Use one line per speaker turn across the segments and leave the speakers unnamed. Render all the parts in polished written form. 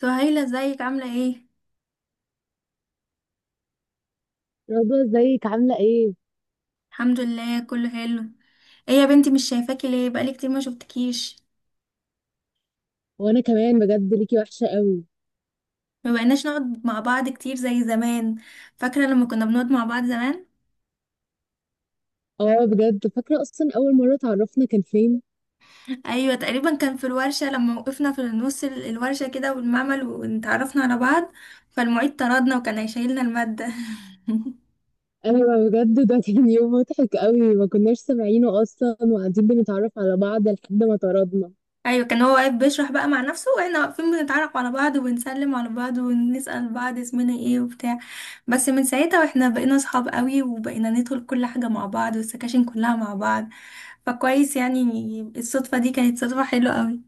سهيلة، ازيك؟ عاملة ايه؟
رضوى ازيك عاملة ايه؟
الحمد لله، كله حلو. ايه يا بنتي، مش شايفاكي ليه؟ بقالي كتير ما شفتكيش.
وانا كمان بجد ليكي وحشة قوي.
ما بقيناش نقعد مع بعض كتير زي زمان. فاكرة لما كنا بنقعد مع بعض زمان؟
اه بجد فاكرة، اصلا اول مرة اتعرفنا كان فين؟
ايوه، تقريبا كان في الورشة، لما وقفنا في نص الورشة كده والمعمل، واتعرفنا على بعض. فالمعيد طردنا وكان هيشيلنا المادة.
انا بجد ده كان يوم مضحك قوي، ما كناش سامعينه اصلا وقاعدين بنتعرف على بعض لحد ما طردنا.
ايوه، كان هو واقف بيشرح بقى مع نفسه، واحنا واقفين بنتعرف على بعض وبنسلم على بعض ونسأل بعض اسمنا ايه وبتاع. بس من ساعتها واحنا بقينا صحاب قوي، وبقينا ندخل كل حاجة مع بعض، والسكاشن كلها مع بعض. فكويس يعني. الصدفة دي كانت صدفة حلوة قوي.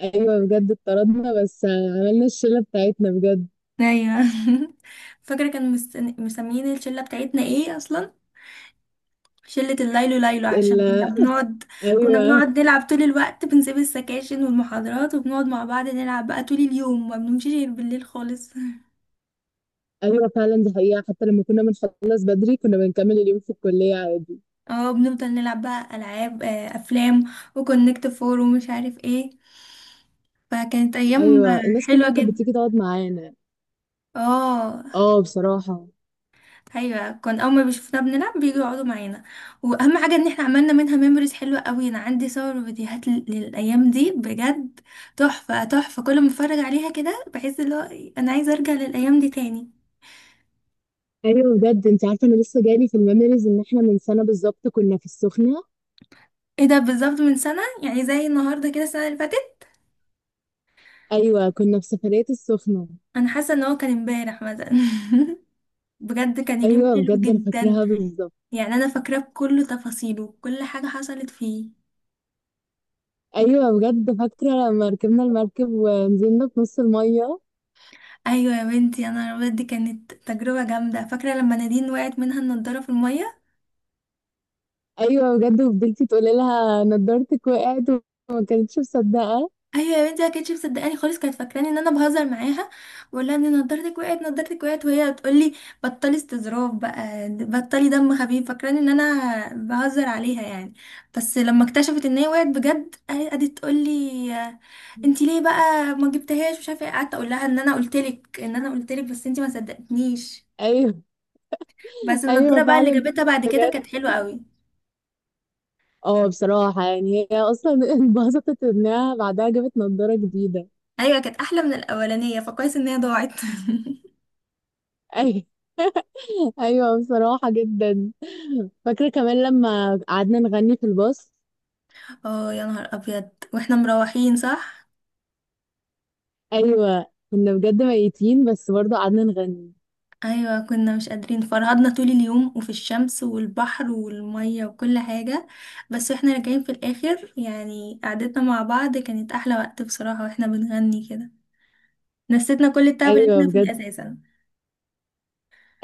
ايوه بجد اتطردنا، بس عملنا الشلة بتاعتنا بجد.
ايوه. فاكرة كان مسميين الشلة بتاعتنا ايه اصلا؟ شلة الليلو ليلو،
ال
عشان كنا بنقعد. كنا
ايوه.
بنقعد نلعب طول الوقت، بنسيب السكاشن والمحاضرات وبنقعد مع بعض نلعب بقى طول اليوم، ما بنمشيش غير بالليل خالص.
ايوه فعلا، دي حقيقة، حتى لما كنا بنخلص بدري كنا بنكمل اليوم في الكلية عادي.
اه، بنفضل نلعب بقى ألعاب، أفلام، وكونكت فور ومش عارف ايه. فكانت أيام
ايوه الناس
حلوة
كلها كانت
جدا.
بتيجي تقعد معانا.
اه.
اه بصراحة.
ايوه، كان اول ما بيشوفونا بنلعب بيجوا يقعدوا معانا. واهم حاجه ان احنا عملنا منها ميموريز حلوه قوي. انا عندي صور وفيديوهات للايام دي بجد. تحفه تحفه، كل ما اتفرج عليها كده بحس اللي هو انا عايزه ارجع للايام دي تاني.
ايوه بجد انت عارفه انا لسه جالي في الميموريز ان احنا من سنه بالظبط كنا في السخنه.
ايه ده؟ بالظبط من سنه، يعني زي النهارده كده السنه اللي فاتت.
ايوه كنا في سفريه السخنه.
انا حاسه ان هو كان امبارح مثلا. بجد كان اليوم
ايوه
حلو
بجد انا
جدا.
فاكراها بالظبط.
يعني انا فاكراه بكل تفاصيله وكل حاجه حصلت فيه.
ايوه بجد فاكره لما ركبنا المركب ونزلنا في نص الميه.
ايوه يا بنتي، انا بجد كانت تجربه جامده. فاكره لما نادين وقعت منها النضاره في الميه.
ايوه بجد، وفضلتي تقولي لها نضارتك وقعت، وما كانتش مصدقه.
ايوه يا بنتي، ما كانتش مصدقاني خالص، كانت فاكراني ان انا بهزر معاها. بقول لها ان نضارتك وقعت، نضارتك وقعت، وهي بتقول لي بطلي استظراف بقى، بطلي دم خفيف، فاكراني ان انا بهزر عليها يعني. بس لما اكتشفت ان هي وقعت بجد، قعدت تقول لي انت ليه بقى ما جبتهاش مش عارفه ايه. قعدت اقول لها ان انا قلت لك، ان انا قلت لك، بس انت ما صدقتنيش.
ايوه
بس
ايوه
النضارة بقى اللي
فعلا
جابتها بعد كده
بجد.
كانت حلوة قوي.
اه بصراحه، يعني هي اصلا انبسطت انها بعدها جابت نضاره جديده.
ايوه، كانت احلى من الاولانية، فكويس ان هي ضاعت.
ايوه ايوه بصراحه جدا. فاكرة كمان لما قعدنا نغني في الباص.
اه يا نهار ابيض، واحنا مروحين، صح.
أيوة، كنا بجد ميتين بس برضه قعدنا نغني.
ايوه كنا مش قادرين، فرهدنا طول اليوم وفي الشمس والبحر والمية وكل حاجة. بس واحنا راجعين في الاخر يعني، قعدتنا مع بعض كانت احلى وقت بصراحة، واحنا بنغني كده نسيتنا كل التعب اللي
أيوة
احنا فيه
بجد.
اساسا.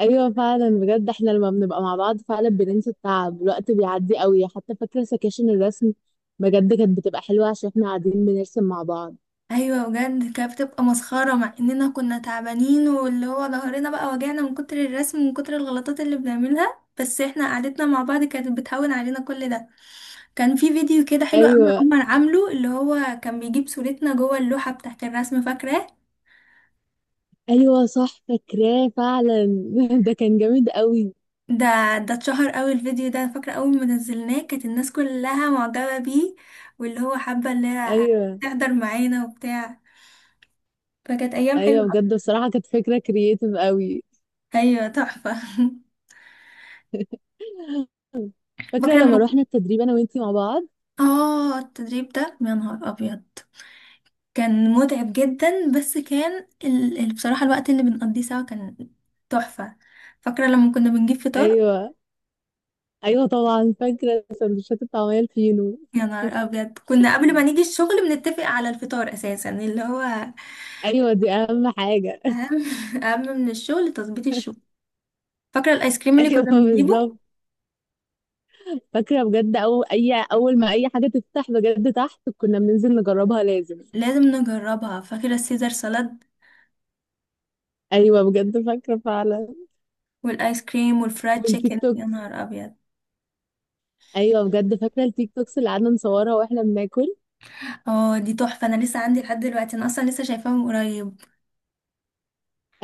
أيوة فعلا بجد، احنا لما بنبقى مع بعض فعلا بننسى التعب، الوقت بيعدي قوي. حتى فاكرة سكاشن الرسم، بجد كانت بتبقى حلوة عشان احنا قاعدين بنرسم مع بعض.
ايوه بجد، كانت بتبقى مسخره مع اننا كنا تعبانين واللي هو ظهرنا بقى وجعنا من كتر الرسم ومن كتر الغلطات اللي بنعملها، بس احنا قعدتنا مع بعض كانت بتهون علينا كل ده. كان في فيديو كده حلو قوي
أيوة.
عمر عامله، اللي هو كان بيجيب صورتنا جوه اللوحه بتاعت الرسم، فاكره؟
أيوة صح فاكراه فعلا. ده كان جامد قوي.
ده ده اتشهر قوي الفيديو ده، فاكره اول ما نزلناه كانت الناس كلها معجبه بيه، واللي هو حابه اللي هي
أيوة.
تحضر معانا وبتاع. فكانت ايام حلوه.
أيوة بجد بصراحة كانت فكرة كرييتيف قوي.
ايوه تحفه.
فاكرة
فاكره
لما
لما
روحنا التدريب أنا وإنتي مع بعض.
اه التدريب ده، يا نهار ابيض كان متعب جدا، بس كان بصراحة الوقت اللي بنقضيه سوا كان تحفة. فاكرة لما كنا بنجيب فطار؟
أيوة. ايوه طبعا فاكره سندوتشات الطعميه الفينو.
يا نهار ابيض، كنا قبل ما نيجي الشغل بنتفق على الفطار اساسا اللي هو
ايوه دي اهم حاجه.
اهم. اهم من الشغل تظبيط الشغل. فاكرة الايس كريم اللي
ايوه
كنا بنجيبه؟
بالظبط. فاكره بجد، او اي، اول ما اي حاجه تفتح بجد تحت كنا بننزل نجربها لازم.
لازم نجربها. فاكرة السيزر سالاد
ايوه بجد فاكره فعلا.
والايس كريم والفرايد
والتيك
تشيكن؟ يا
توكس.
نهار ابيض.
ايوه بجد فاكره التيك توكس اللي قعدنا نصورها واحنا بناكل.
اه دي تحفة، انا لسه عندي لحد دلوقتي، انا اصلا لسه شايفاهم قريب.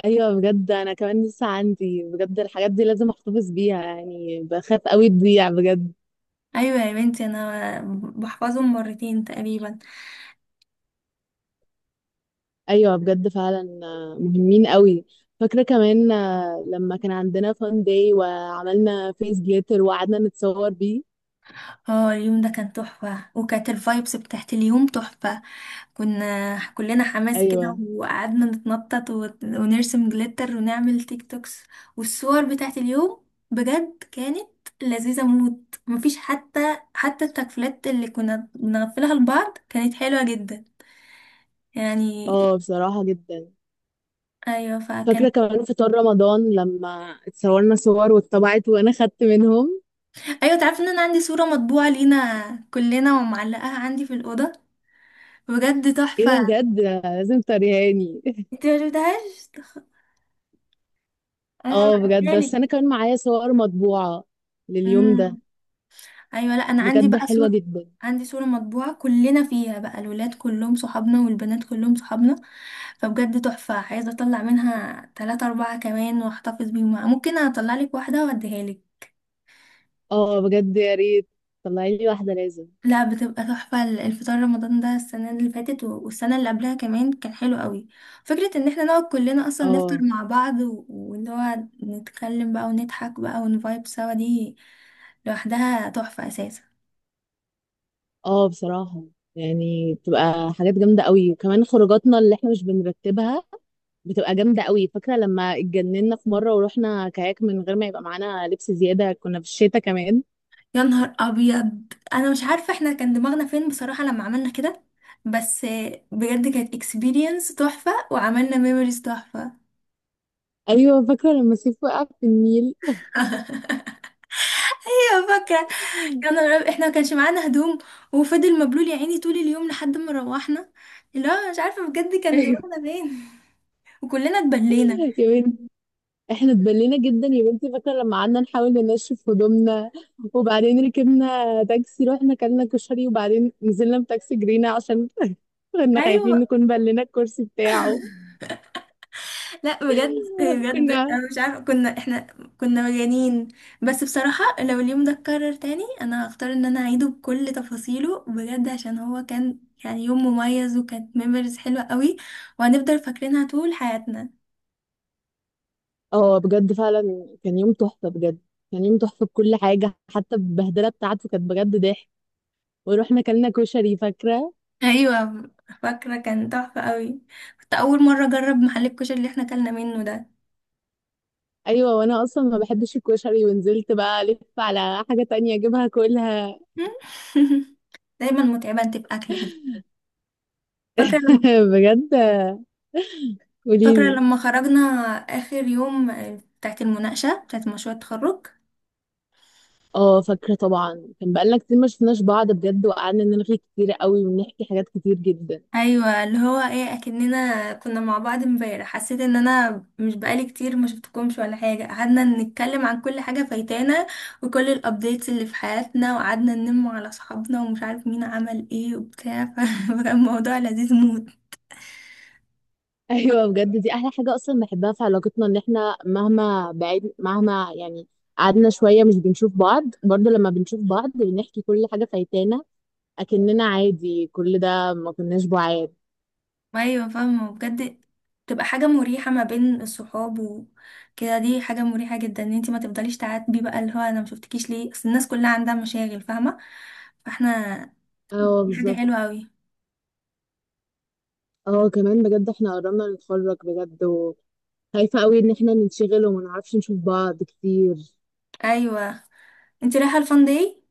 ايوه بجد انا كمان لسه عندي بجد الحاجات دي، لازم احتفظ بيها يعني، بخاف قوي تضيع بجد.
ايوه يا بنتي، انا بحفظهم مرتين تقريبا.
ايوه بجد فعلا، مهمين قوي. فاكره كمان، لما كان عندنا فان داي وعملنا فيس جليتر وقعدنا نتصور بيه.
اه اليوم ده كان تحفه، وكانت الفايبس بتاعت اليوم تحفه. كنا كلنا حماس كده
ايوه.
وقعدنا نتنطط ونرسم جليتر ونعمل تيك توكس. والصور بتاعت اليوم بجد كانت لذيذه موت، مفيش حتى حتى التكفلات اللي كنا بنغفلها لبعض كانت حلوه جدا يعني.
اه بصراحه جدا.
ايوه فكان.
فاكره كمان فطار رمضان لما اتصورنا صور واتطبعت وانا خدت منهم.
ايوه، تعرفي ان انا عندي صوره مطبوعه لينا كلنا ومعلقاها عندي في الاوضه؟ بجد
ايه ده
تحفة.
بجد، لازم توريهاني.
انت ما شفتهاش؟ انا
اه
هبعتها
بجد، بس
لك.
انا كمان معايا صور مطبوعه لليوم ده.
امم ايوه، لا، انا عندي
بجد
بقى
حلوه
صور.
جدا.
عندي صورة مطبوعة كلنا فيها بقى، الولاد كلهم صحابنا والبنات كلهم صحابنا، فبجد تحفة. عايزة اطلع منها تلاتة اربعة كمان واحتفظ بيهم، ممكن اطلع لك واحدة واديها لك.
اه بجد يا ريت، طلعي لي واحده لازم.
لا، بتبقى تحفة الفطار رمضان ده، السنة اللي فاتت والسنة اللي قبلها كمان كان حلو قوي. فكرة ان احنا نقعد كلنا اصلا نفطر
اه.
مع بعض واللي هو نتكلم بقى ونضحك بقى ونفايب سوا، دي لوحدها تحفة اساسا.
اه بصراحة، يعني بتبقى حاجات جامدة قوي، وكمان خروجاتنا اللي احنا مش بنرتبها بتبقى جامدة قوي. فاكرة لما اتجننا في مرة ورحنا كاياك من غير ما يبقى معانا لبس زيادة، كنا في الشتاء كمان.
يا نهار ابيض، انا مش عارفه احنا كان دماغنا فين بصراحه لما عملنا كده، بس بجد كانت اكسبيرينس تحفه وعملنا ميموريز تحفه.
ايوه فاكرة لما سيف وقع في النيل.
ايوه فاكره. يا نهار أبيض، احنا ما كانش معانا هدوم، وفضل مبلول يا عيني طول اليوم لحد ما روحنا. لا، مش عارفه بجد كان
ايوه
دماغنا فين، وكلنا اتبلينا.
يا بنتي، احنا اتبلينا جدا يا بنتي. فاكرة لما قعدنا نحاول ننشف هدومنا وبعدين ركبنا تاكسي، رحنا كلنا كشري، وبعدين نزلنا بتاكسي جرينا عشان كنا خايفين
ايوه،
نكون بلينا الكرسي بتاعه.
لا بجد بجد،
كنا.
انا مش عارفه كنا احنا. كنا مجانين. بس بصراحه لو اليوم ده اتكرر تاني، انا هختار ان انا اعيده بكل تفاصيله بجد، عشان هو كان يعني يوم مميز، وكانت ميموريز حلوه قوي، وهنفضل فاكرينها طول حياتنا.
اه بجد فعلا كان يوم تحفة بجد، كان يوم تحفة بكل حاجة، حتى البهدلة بتاعته كانت بجد ضحك. ورحنا كلنا كشري فاكرة.
ايوه فاكره، كان تحفه قوي. كنت اول مره اجرب محل الكشري اللي احنا اكلنا منه ده.
أيوة، وأنا أصلا ما بحبش الكشري ونزلت بقى ألف على حاجة تانية أجيبها كلها.
دايما متعبه انت باكلك دي. فاكره لما
بجد
فاكره
قوليلي.
لما خرجنا اخر يوم، بتاعت المناقشه بتاعت مشروع التخرج.
اه فاكرة طبعا، كان بقالنا كتير ما شفناش بعض بجد، وقعدنا نلغي كتير قوي ونحكي حاجات كتير جدا.
ايوه اللي هو ايه، اكننا كنا مع بعض امبارح، حسيت ان انا مش بقالي كتير ما شفتكمش ولا حاجه، قعدنا نتكلم عن كل حاجه فايتانا وكل الابديتس اللي في حياتنا، وقعدنا ننم على اصحابنا ومش عارف مين عمل ايه وبتاع. فكان الموضوع لذيذ موت.
ايوه بجد دي احلى حاجه اصلا بحبها في علاقتنا، ان احنا مهما بعيد مهما يعني قعدنا شويه مش بنشوف بعض، برضه لما بنشوف بعض بنحكي كل حاجه فايتانا، اكننا عادي كل ده ما كناش بعاد.
ايوه فاهمه بجد. تبقى حاجه مريحه ما بين الصحاب وكده، دي حاجه مريحه جدا، ان انت ما تفضليش تعاتبي بقى اللي هو انا ما شفتكيش ليه، اصل الناس كلها عندها مشاغل، فاهمه؟ فاحنا
اه
دي حاجه
بالظبط.
حلوه قوي.
اه كمان بجد احنا قربنا نتخرج بجد، وخايفه قوي ان احنا ننشغل وما نعرفش نشوف بعض كتير.
ايوه، انت رايحة الفان داي؟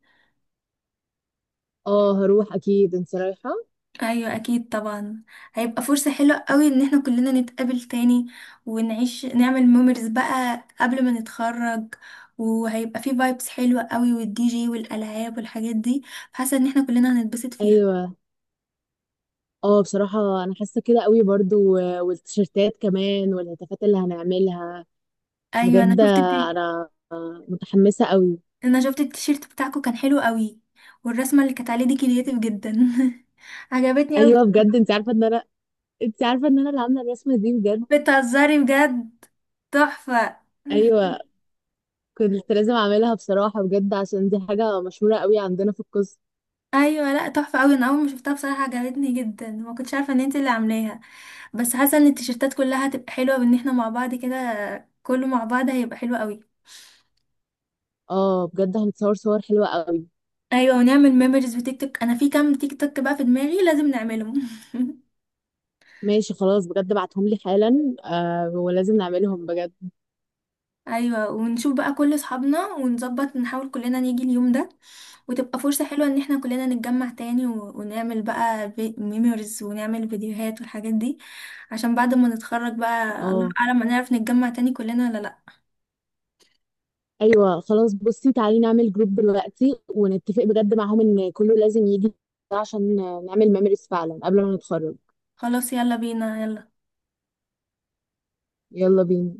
اه هروح اكيد، انت رايحه؟
ايوه اكيد طبعا. هيبقى فرصة حلوة قوي ان احنا كلنا نتقابل تاني، ونعيش نعمل ميموريز بقى قبل ما نتخرج، وهيبقى فيه فايبس حلوة قوي والدي جي والالعاب والحاجات دي. حاسة ان احنا كلنا هنتبسط فيها.
ايوه. اه بصراحه انا حاسه كده قوي برضو، والتيشيرتات كمان والهتافات اللي هنعملها.
ايوه انا
بجد
شفت
انا متحمسه قوي.
انا شفت التيشيرت بتاعكو كان حلو قوي، والرسمة اللي كانت عليه دي كرياتيف جدا. عجبتني قوي.
ايوه بجد انت عارفه ان انا، انت عارفه ان انا اللي عامله الرسمه دي بجد.
بتهزري بجد؟ تحفة.
ايوه كنت لازم اعملها بصراحه بجد، عشان دي حاجه مشهوره قوي عندنا في القسم.
ايوه لا، تحفه قوي، انا اول ما شفتها بصراحه عجبتني جدا، ما كنتش عارفه ان انت اللي عاملاها. بس حاسه ان التيشيرتات كلها هتبقى حلوه، بان احنا مع بعض كده، كله مع بعض هيبقى حلو قوي.
اه بجد هنتصور صور حلوه قوي.
ايوه، ونعمل ميموريز بتيك توك، انا في كام تيك توك بقى في دماغي لازم نعملهم.
ماشي خلاص بجد، ابعتهم لي حالا ولازم نعملهم بجد.
ايوه، ونشوف بقى كل اصحابنا ونظبط نحاول كلنا نيجي اليوم ده، وتبقى فرصه حلوه ان احنا كلنا نتجمع تاني ونعمل بقى ميموريز ونعمل فيديوهات والحاجات دي، عشان بعد ما نتخرج بقى. الله
اه.
اعلم هنعرف نتجمع تاني كلنا ولا لا.
ايوه خلاص، بصي تعالي نعمل جروب دلوقتي ونتفق بجد معاهم ان كله لازم يجي، عشان نعمل ميموريز فعلا قبل ما نتخرج.
خلاص، يلا بينا، يلا.
يلا بينا.